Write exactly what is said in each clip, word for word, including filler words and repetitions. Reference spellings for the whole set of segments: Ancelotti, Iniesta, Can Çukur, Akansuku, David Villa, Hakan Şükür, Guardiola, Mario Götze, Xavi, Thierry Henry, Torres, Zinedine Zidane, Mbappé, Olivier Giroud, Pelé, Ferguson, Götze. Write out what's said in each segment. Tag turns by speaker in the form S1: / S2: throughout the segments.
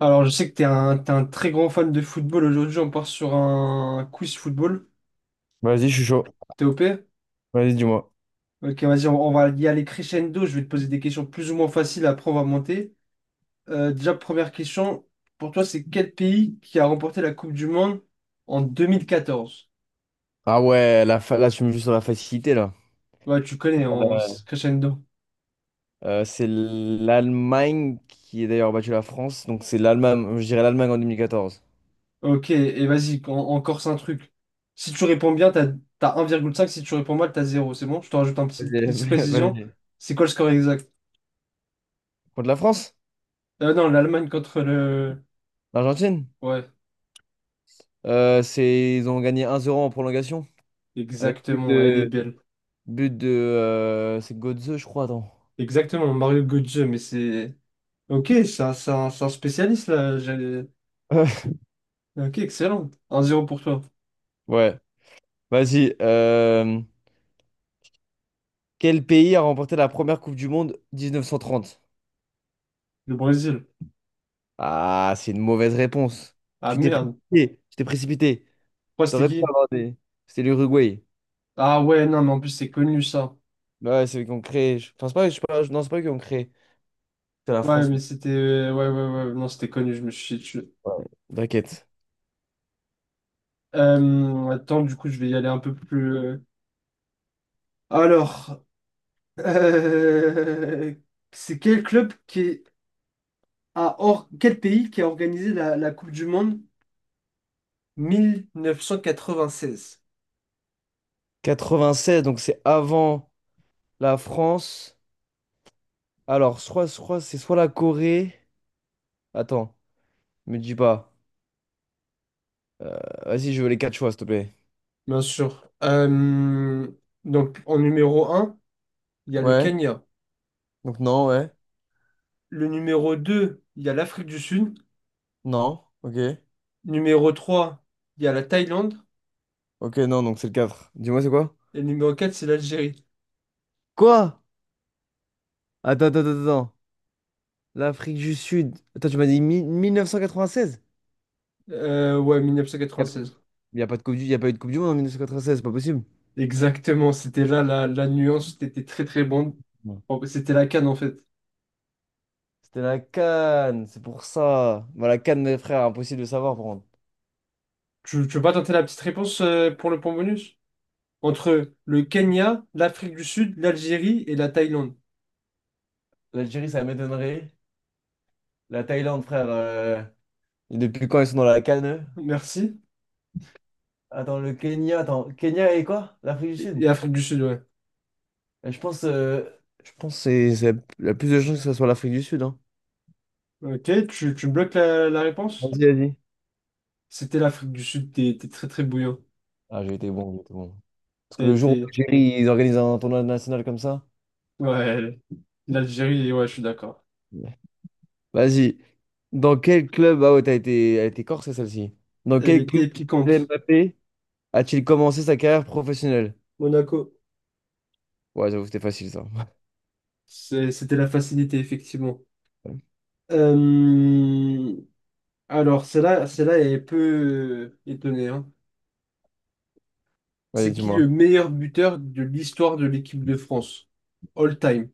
S1: Alors, je sais que t'es un, t'es un très grand fan de football. Aujourd'hui, on part sur un quiz football.
S2: Vas-y, je suis chaud.
S1: T'es TOP.
S2: Vas-y, dis-moi.
S1: Ok, vas-y, on, on va y aller crescendo. Je vais te poser des questions plus ou moins faciles, après on va monter. Euh, déjà, première question, pour toi, c'est quel pays qui a remporté la Coupe du Monde en deux mille quatorze?
S2: Ah ouais, la fa- là, tu me joues sur la facilité, là.
S1: Ouais, tu connais, en c'est crescendo.
S2: Euh, c'est l'Allemagne qui a d'ailleurs battu la France. Donc, c'est l'Allemagne, je dirais l'Allemagne en deux mille quatorze.
S1: Ok, et vas-y, en- encore c'est un truc. Si tu réponds bien, t'as, t'as un virgule cinq. Si tu réponds mal, t'as zéro. C'est bon? Je te rajoute un petit, une
S2: Vas-y,
S1: petite précision.
S2: vas-y.
S1: C'est quoi le score exact?
S2: Contre la France?
S1: Euh, non, l'Allemagne contre le...
S2: L'Argentine?
S1: Ouais.
S2: Euh, c'est... Ils ont gagné un zéro en prolongation. Avec but
S1: Exactement, elle est
S2: de...
S1: belle.
S2: But de euh, c'est Götze, je crois, attends.
S1: Exactement, Mario Götze, mais c'est... Ok, c'est un, c'est un- c'est un spécialiste, là. j'ai- Ok, excellent. un zéro pour toi.
S2: Ouais, vas-y. Euh, Quel pays a remporté la première Coupe du Monde mille neuf cent trente?
S1: Le Brésil.
S2: Ah, c'est une mauvaise réponse.
S1: Ah,
S2: Tu t'es
S1: merde.
S2: précipité. Tu t'es précipité.
S1: Quoi, c'était
S2: T'aurais pu
S1: qui?
S2: avoir des. C'était l'Uruguay.
S1: Ah, ouais, non, mais en plus, c'est connu, ça.
S2: Bah ouais, c'est eux qui ont créé. Je pense pas, je sais pas, non, c'est pas eux qui ont créé. C'est la
S1: Ouais,
S2: France.
S1: mais c'était... ouais, ouais, ouais, ouais, non, c'était connu, je me suis chié dessus.
S2: Ouais, t'inquiète.
S1: Euh, attends, du coup, je vais y aller un peu plus... euh. Alors, euh, c'est quel club qui a... Or... Quel pays qui a organisé la, la Coupe du Monde mille neuf cent quatre-vingt-seize?
S2: quatre-vingt-seize, donc c'est avant la France. Alors, soit, soit c'est soit la Corée. Attends, me dis pas. Euh, vas-y, je veux les quatre choix, s'il te plaît.
S1: Bien sûr. Euh, donc en numéro un, il y a le
S2: Ouais.
S1: Kenya.
S2: Donc non, ouais.
S1: Le numéro deux, il y a l'Afrique du Sud.
S2: Non. Ok.
S1: Numéro trois, il y a la Thaïlande.
S2: Ok, non, donc c'est le quatre. Dis-moi, c'est quoi?
S1: Et le numéro quatre, c'est l'Algérie.
S2: Quoi? Attends, attends, attends, attends. L'Afrique du Sud. Attends, tu m'as dit mi- mille neuf cent quatre-vingt-seize?
S1: Euh, ouais,
S2: Il
S1: seize.
S2: n'y a, y a pas de coupe du, y a pas eu de Coupe du Monde en mille neuf cent quatre-vingt-seize, c'est pas possible.
S1: Exactement, c'était là la, la nuance, c'était très très bon.
S2: Non.
S1: Bon, c'était la canne en fait.
S2: C'était la CAN, c'est pour ça. Bah, la CAN, mes frères, impossible de savoir, par contre.
S1: Tu, tu veux pas tenter la petite réponse, euh, pour le point bonus? Entre le Kenya, l'Afrique du Sud, l'Algérie et la Thaïlande.
S2: L'Algérie, ça m'étonnerait. La Thaïlande, frère, euh, et depuis quand ils sont dans la CAN, eux?
S1: Merci.
S2: Attends, le Kenya, attends, Kenya et quoi? L'Afrique du
S1: Et,
S2: Sud?
S1: et Afrique du Sud, ouais.
S2: Euh, Je pense, euh, je pense que c'est c'est la plus de chances que ce soit l'Afrique du Sud, hein.
S1: Ok, tu, tu bloques la la réponse?
S2: Vas-y, vas-y.
S1: C'était l'Afrique du Sud, t'es t'es très très bouillant.
S2: Ah, j'ai été bon, j'ai été bon. Parce que
S1: T'as
S2: le jour où
S1: été.
S2: l'Algérie, ils organisent un tournoi national comme ça.
S1: Ouais, elle- l'Algérie, ouais, je suis d'accord.
S2: Vas-y. Dans quel club... Ah ouais, t'as été, elle était corsée celle-ci. Dans
S1: Elle
S2: quel club
S1: était piquante.
S2: Mbappé a-t-il commencé sa carrière professionnelle?
S1: Monaco.
S2: Ouais, j'avoue, c'était facile ça.
S1: C'est- C'était la facilité, effectivement.
S2: Ouais.
S1: Euh, Alors, celle-là, celle-là est peu, euh, étonnée, hein.
S2: Vas-y,
S1: C'est qui
S2: dis-moi.
S1: le meilleur buteur de l'histoire de l'équipe de France? All time.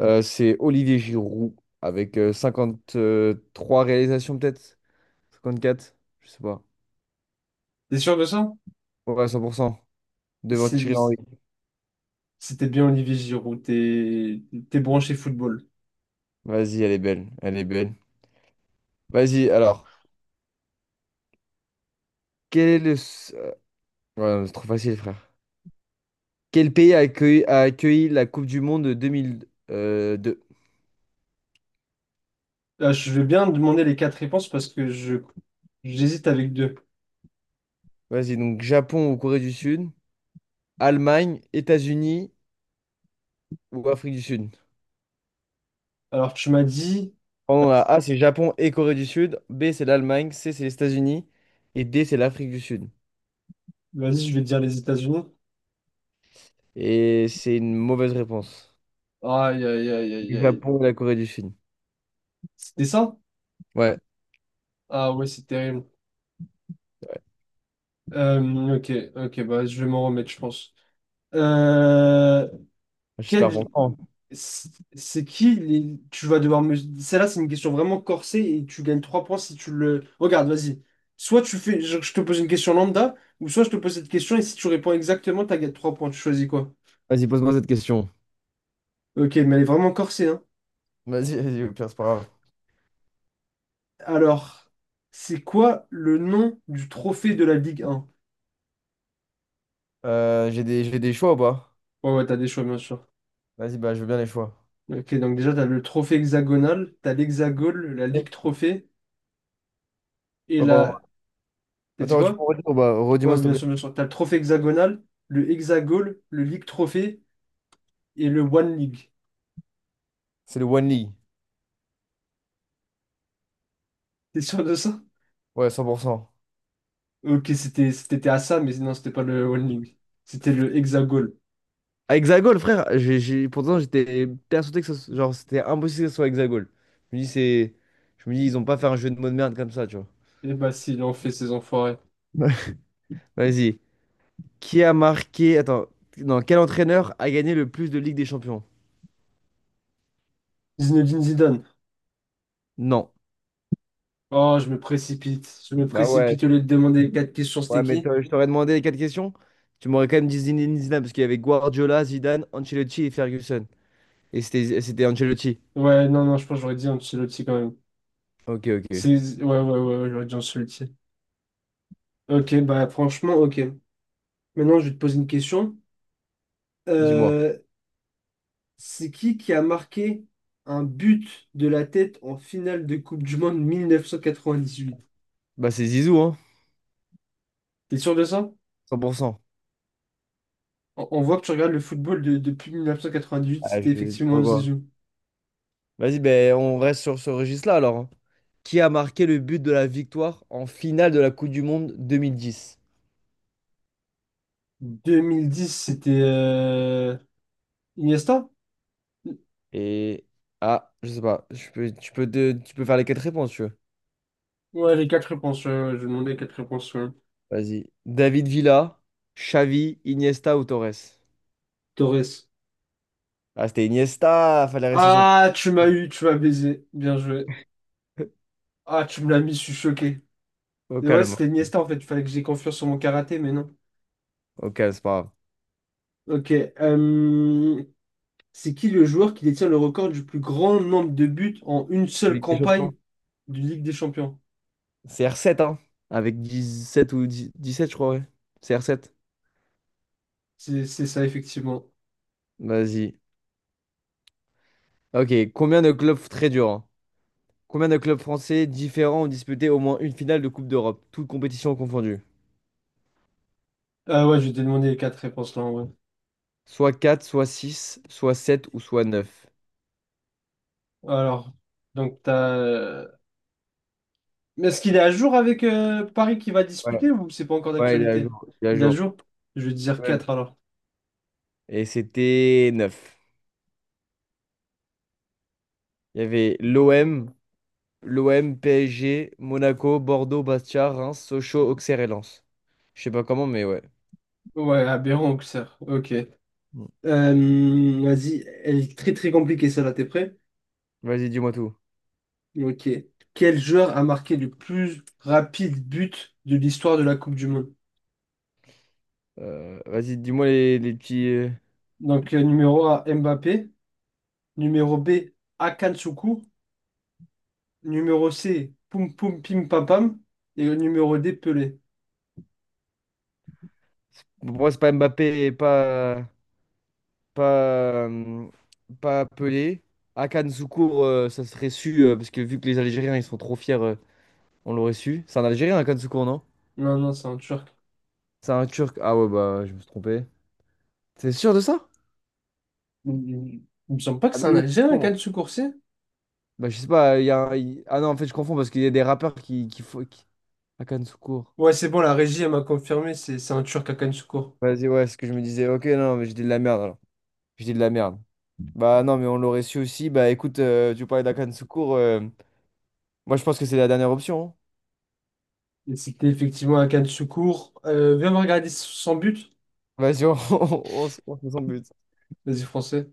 S2: Euh, c'est Olivier Giroud avec euh, trois réalisations peut-être? Cinquante quatre, je sais pas.
S1: T'es sûr de ça?
S2: Ouais, cent pour cent. Devant
S1: C'est
S2: Thierry
S1: lui.
S2: Henry.
S1: C'était bien Olivier Giroud. T'es t'es branché football.
S2: Vas-y, elle est belle. Elle est belle. Vas-y, alors. Quel est le... s- euh, Ouais, non, c'est trop facile, frère. Quel pays a accueilli, a accueilli la Coupe du Monde de deux mille euh, deux?
S1: Ah, je vais bien demander les quatre réponses parce que je j'hésite avec deux.
S2: Vas-y, donc Japon ou Corée du Sud, Allemagne, États-Unis ou Afrique du Sud.
S1: Alors, tu m'as dit,
S2: Pardon, la A, c'est Japon et Corée du Sud. B, c'est l'Allemagne. C, c'est les États-Unis. Et D, c'est l'Afrique du Sud.
S1: vas-y, je vais te dire les États-Unis.
S2: Et c'est une mauvaise réponse.
S1: Aïe, aïe, aïe, aïe,
S2: Le
S1: aïe.
S2: Japon et la Corée du Sud.
S1: C'était ça?
S2: Ouais,
S1: Ah ouais, c'est terrible.
S2: ouais.
S1: Euh, ok, ok, bah, je vais m'en remettre, je pense. Euh,
S2: J'espère
S1: quel...
S2: pour toi.
S1: C'est c'est qui les... Tu vas devoir me... Celle-là, c'est une question vraiment corsée et tu gagnes trois points si tu le... Regarde, vas-y. Soit tu fais... Je, je te pose une question lambda, ou soit je te pose cette question et si tu réponds exactement, tu gagné trois points. Tu choisis quoi?
S2: Vas-y, pose-moi cette question.
S1: Ok, mais elle est vraiment corsée, hein.
S2: Vas-y, vas-y, au pire, c'est pas grave.
S1: Alors, c'est quoi le nom du trophée de la Ligue un?
S2: Euh, j'ai des, j'ai des choix ou pas?
S1: Ouais, ouais, t'as des choix, bien sûr.
S2: Vas-y, bah, je veux bien les choix.
S1: Ok, donc déjà, t'as le trophée hexagonal, t'as l'hexagone, la
S2: Ouais,
S1: Ligue Trophée, et
S2: pardon.
S1: la... T'as dit
S2: Attends, tu peux
S1: quoi?
S2: redire ou pas? Redis-moi,
S1: Ouais,
S2: s'il te
S1: bien
S2: plaît.
S1: sûr, bien sûr. T'as le trophée hexagonal, le hexagone, le Ligue Trophée, et le One League.
S2: C'est le One League.
S1: T'es sûr de ça?
S2: Ouais, cent pour cent.
S1: Ok, c'était c'était à ça, mais non, c'était pas le One League. C'était le hexagone.
S2: À Hexagol, frère, j'ai, j'ai- pourtant j'étais persuadé que ça, genre, c'était impossible que ce soit Hexagol. Je me dis, c'est... Je me dis, ils ont pas fait un jeu de mots de merde comme ça, tu vois.
S1: Eh bah, s'il en fait, ces enfoirés.
S2: Ouais. Vas-y. Qui a marqué... Attends. Non, quel entraîneur a gagné le plus de Ligue des Champions?
S1: Zinedine Zidane.
S2: Non.
S1: Oh, je me précipite. Je me
S2: Bah ouais.
S1: précipite au lieu de demander quatre questions, c'était
S2: Ouais, mais
S1: qui?
S2: t'aurais- je t'aurais demandé les quatre questions. Tu m'aurais quand même dit Zinedine Zidane, parce qu'il y avait Guardiola, Zidane, Ancelotti et Ferguson. Et c'était c'était Ancelotti.
S1: Ouais, non, non, je pense que j'aurais dit Ancelotti quand même.
S2: Ok, ok.
S1: C'est... Ouais, ouais, ouais, ouais, j'aurais dit Ancelotti. Ok, bah franchement, ok. Maintenant, je vais te poser une question.
S2: Dis-moi.
S1: Euh, c'est qui qui a marqué un but de la tête en finale de Coupe du Monde mille neuf cent quatre-vingt-dix-huit?
S2: Bah c'est Zizou, hein.
S1: T'es sûr de ça?
S2: cent pour cent.
S1: On, on voit que tu regardes le football de- depuis mille neuf cent quatre-vingt-dix-huit,
S2: Ah,
S1: c'était
S2: je...
S1: effectivement
S2: Pourquoi?
S1: Zizou.
S2: Vas-y, ben, on reste sur ce registre-là alors, hein. Qui a marqué le but de la victoire en finale de la Coupe du Monde deux mille dix?
S1: deux mille dix, c'était euh, Iniesta?
S2: Et. Ah, je sais pas. Je peux, tu peux, te- tu peux faire les quatre réponses, si tu veux.
S1: Ouais, les quatre réponses, ouais, ouais, je demandais quatre réponses, ouais.
S2: Vas-y. David Villa, Xavi, Iniesta ou Torres?
S1: Torres.
S2: Ah, c'était Iniesta, fallait rester sur le.
S1: Ah, tu m'as eu, tu m'as baisé. Bien joué. Ah, tu me l'as mis, je suis choqué.
S2: Au
S1: Et ouais,
S2: calme.
S1: c'était Niesta en fait. Il fallait que j'ai confiance sur mon karaté, mais non.
S2: Au calme, c'est pas grave.
S1: Ok. euh, c'est qui le joueur qui détient le record du plus grand nombre de buts en une seule
S2: Ligue des Champions.
S1: campagne du Ligue des Champions?
S2: C'est R sept, hein? Avec dix-sept ou dix dix-sept, je crois, ouais. C'est R sept.
S1: C'est c'est ça, effectivement.
S2: Vas-y. Ok, combien de clubs très dur? Combien de clubs français différents ont disputé au moins une finale de Coupe d'Europe, toutes compétitions confondues?
S1: Ah ouais, je vais te demander les quatre réponses là, en vrai.
S2: Soit quatre, soit six, soit sept ou soit neuf.
S1: Alors, donc t'as. Euh, mais est-ce qu'il est à jour avec euh, Paris qui va disputer
S2: Ouais,
S1: ou c'est pas encore
S2: ouais, il est à
S1: d'actualité?
S2: jour. Il est à
S1: Il est à
S2: jour.
S1: jour? Je vais te dire
S2: Ouais.
S1: quatre alors.
S2: Et c'était neuf. Il y avait l'O M, l'O M, P S G, Monaco, Bordeaux, Bastia, Reims, Sochaux, Auxerre et Lens. Je sais pas comment, mais ouais.
S1: Ouais, aberrant, Auxerre. Ok.
S2: Mm.
S1: Euh, vas-y, elle est très très compliquée celle-là, t'es prêt?
S2: Vas-y, dis-moi tout.
S1: Ok. Quel joueur a marqué le plus rapide but de l'histoire de la Coupe du Monde?
S2: Euh, vas-y, dis-moi les, les petits. euh,
S1: Donc, euh, numéro A, Mbappé. Numéro B, Akansuku. Numéro C, Poum Poum Pim Pam Pam. Et le numéro D, Pelé.
S2: Pour moi, c'est pas Mbappé et pas. Pas, euh, pas Pelé. Hakan Şükür, euh, ça serait su, euh, parce que vu que les Algériens, ils sont trop fiers, euh, on l'aurait su. C'est un Algérien, Hakan Şükür, non?
S1: Non, non, c'est un Turc.
S2: C'est un Turc. Ah ouais, bah, je me suis trompé. T'es sûr de ça?
S1: Il il- il me semble pas que
S2: Ah,
S1: c'est
S2: mais
S1: un
S2: oui, c'est
S1: Algérien,
S2: bon.
S1: Akansuku.
S2: Bah, je sais pas, il y a un- il- ah non, en fait, je confonds parce qu'il y a des rappeurs qui, qui font... qui- Hakan Şükür.
S1: Ouais, c'est bon, la régie, elle m'a confirmé, c'est c'est un Turc à Can Çukur.
S2: Vas-y, ouais, c'est ce que je me disais. Ok, non, mais j'ai dit de la merde, alors. J'ai dit de la merde. Bah non, mais on l'aurait su aussi. Bah écoute, euh, tu parlais d'Hakan Şükür. euh, Moi, je pense que c'est la dernière option, hein.
S1: Et c'était effectivement à Can Çukur. Euh, viens me regarder son but.
S2: Vas-y, on, on, on se on se met son but.
S1: Vas-y, français.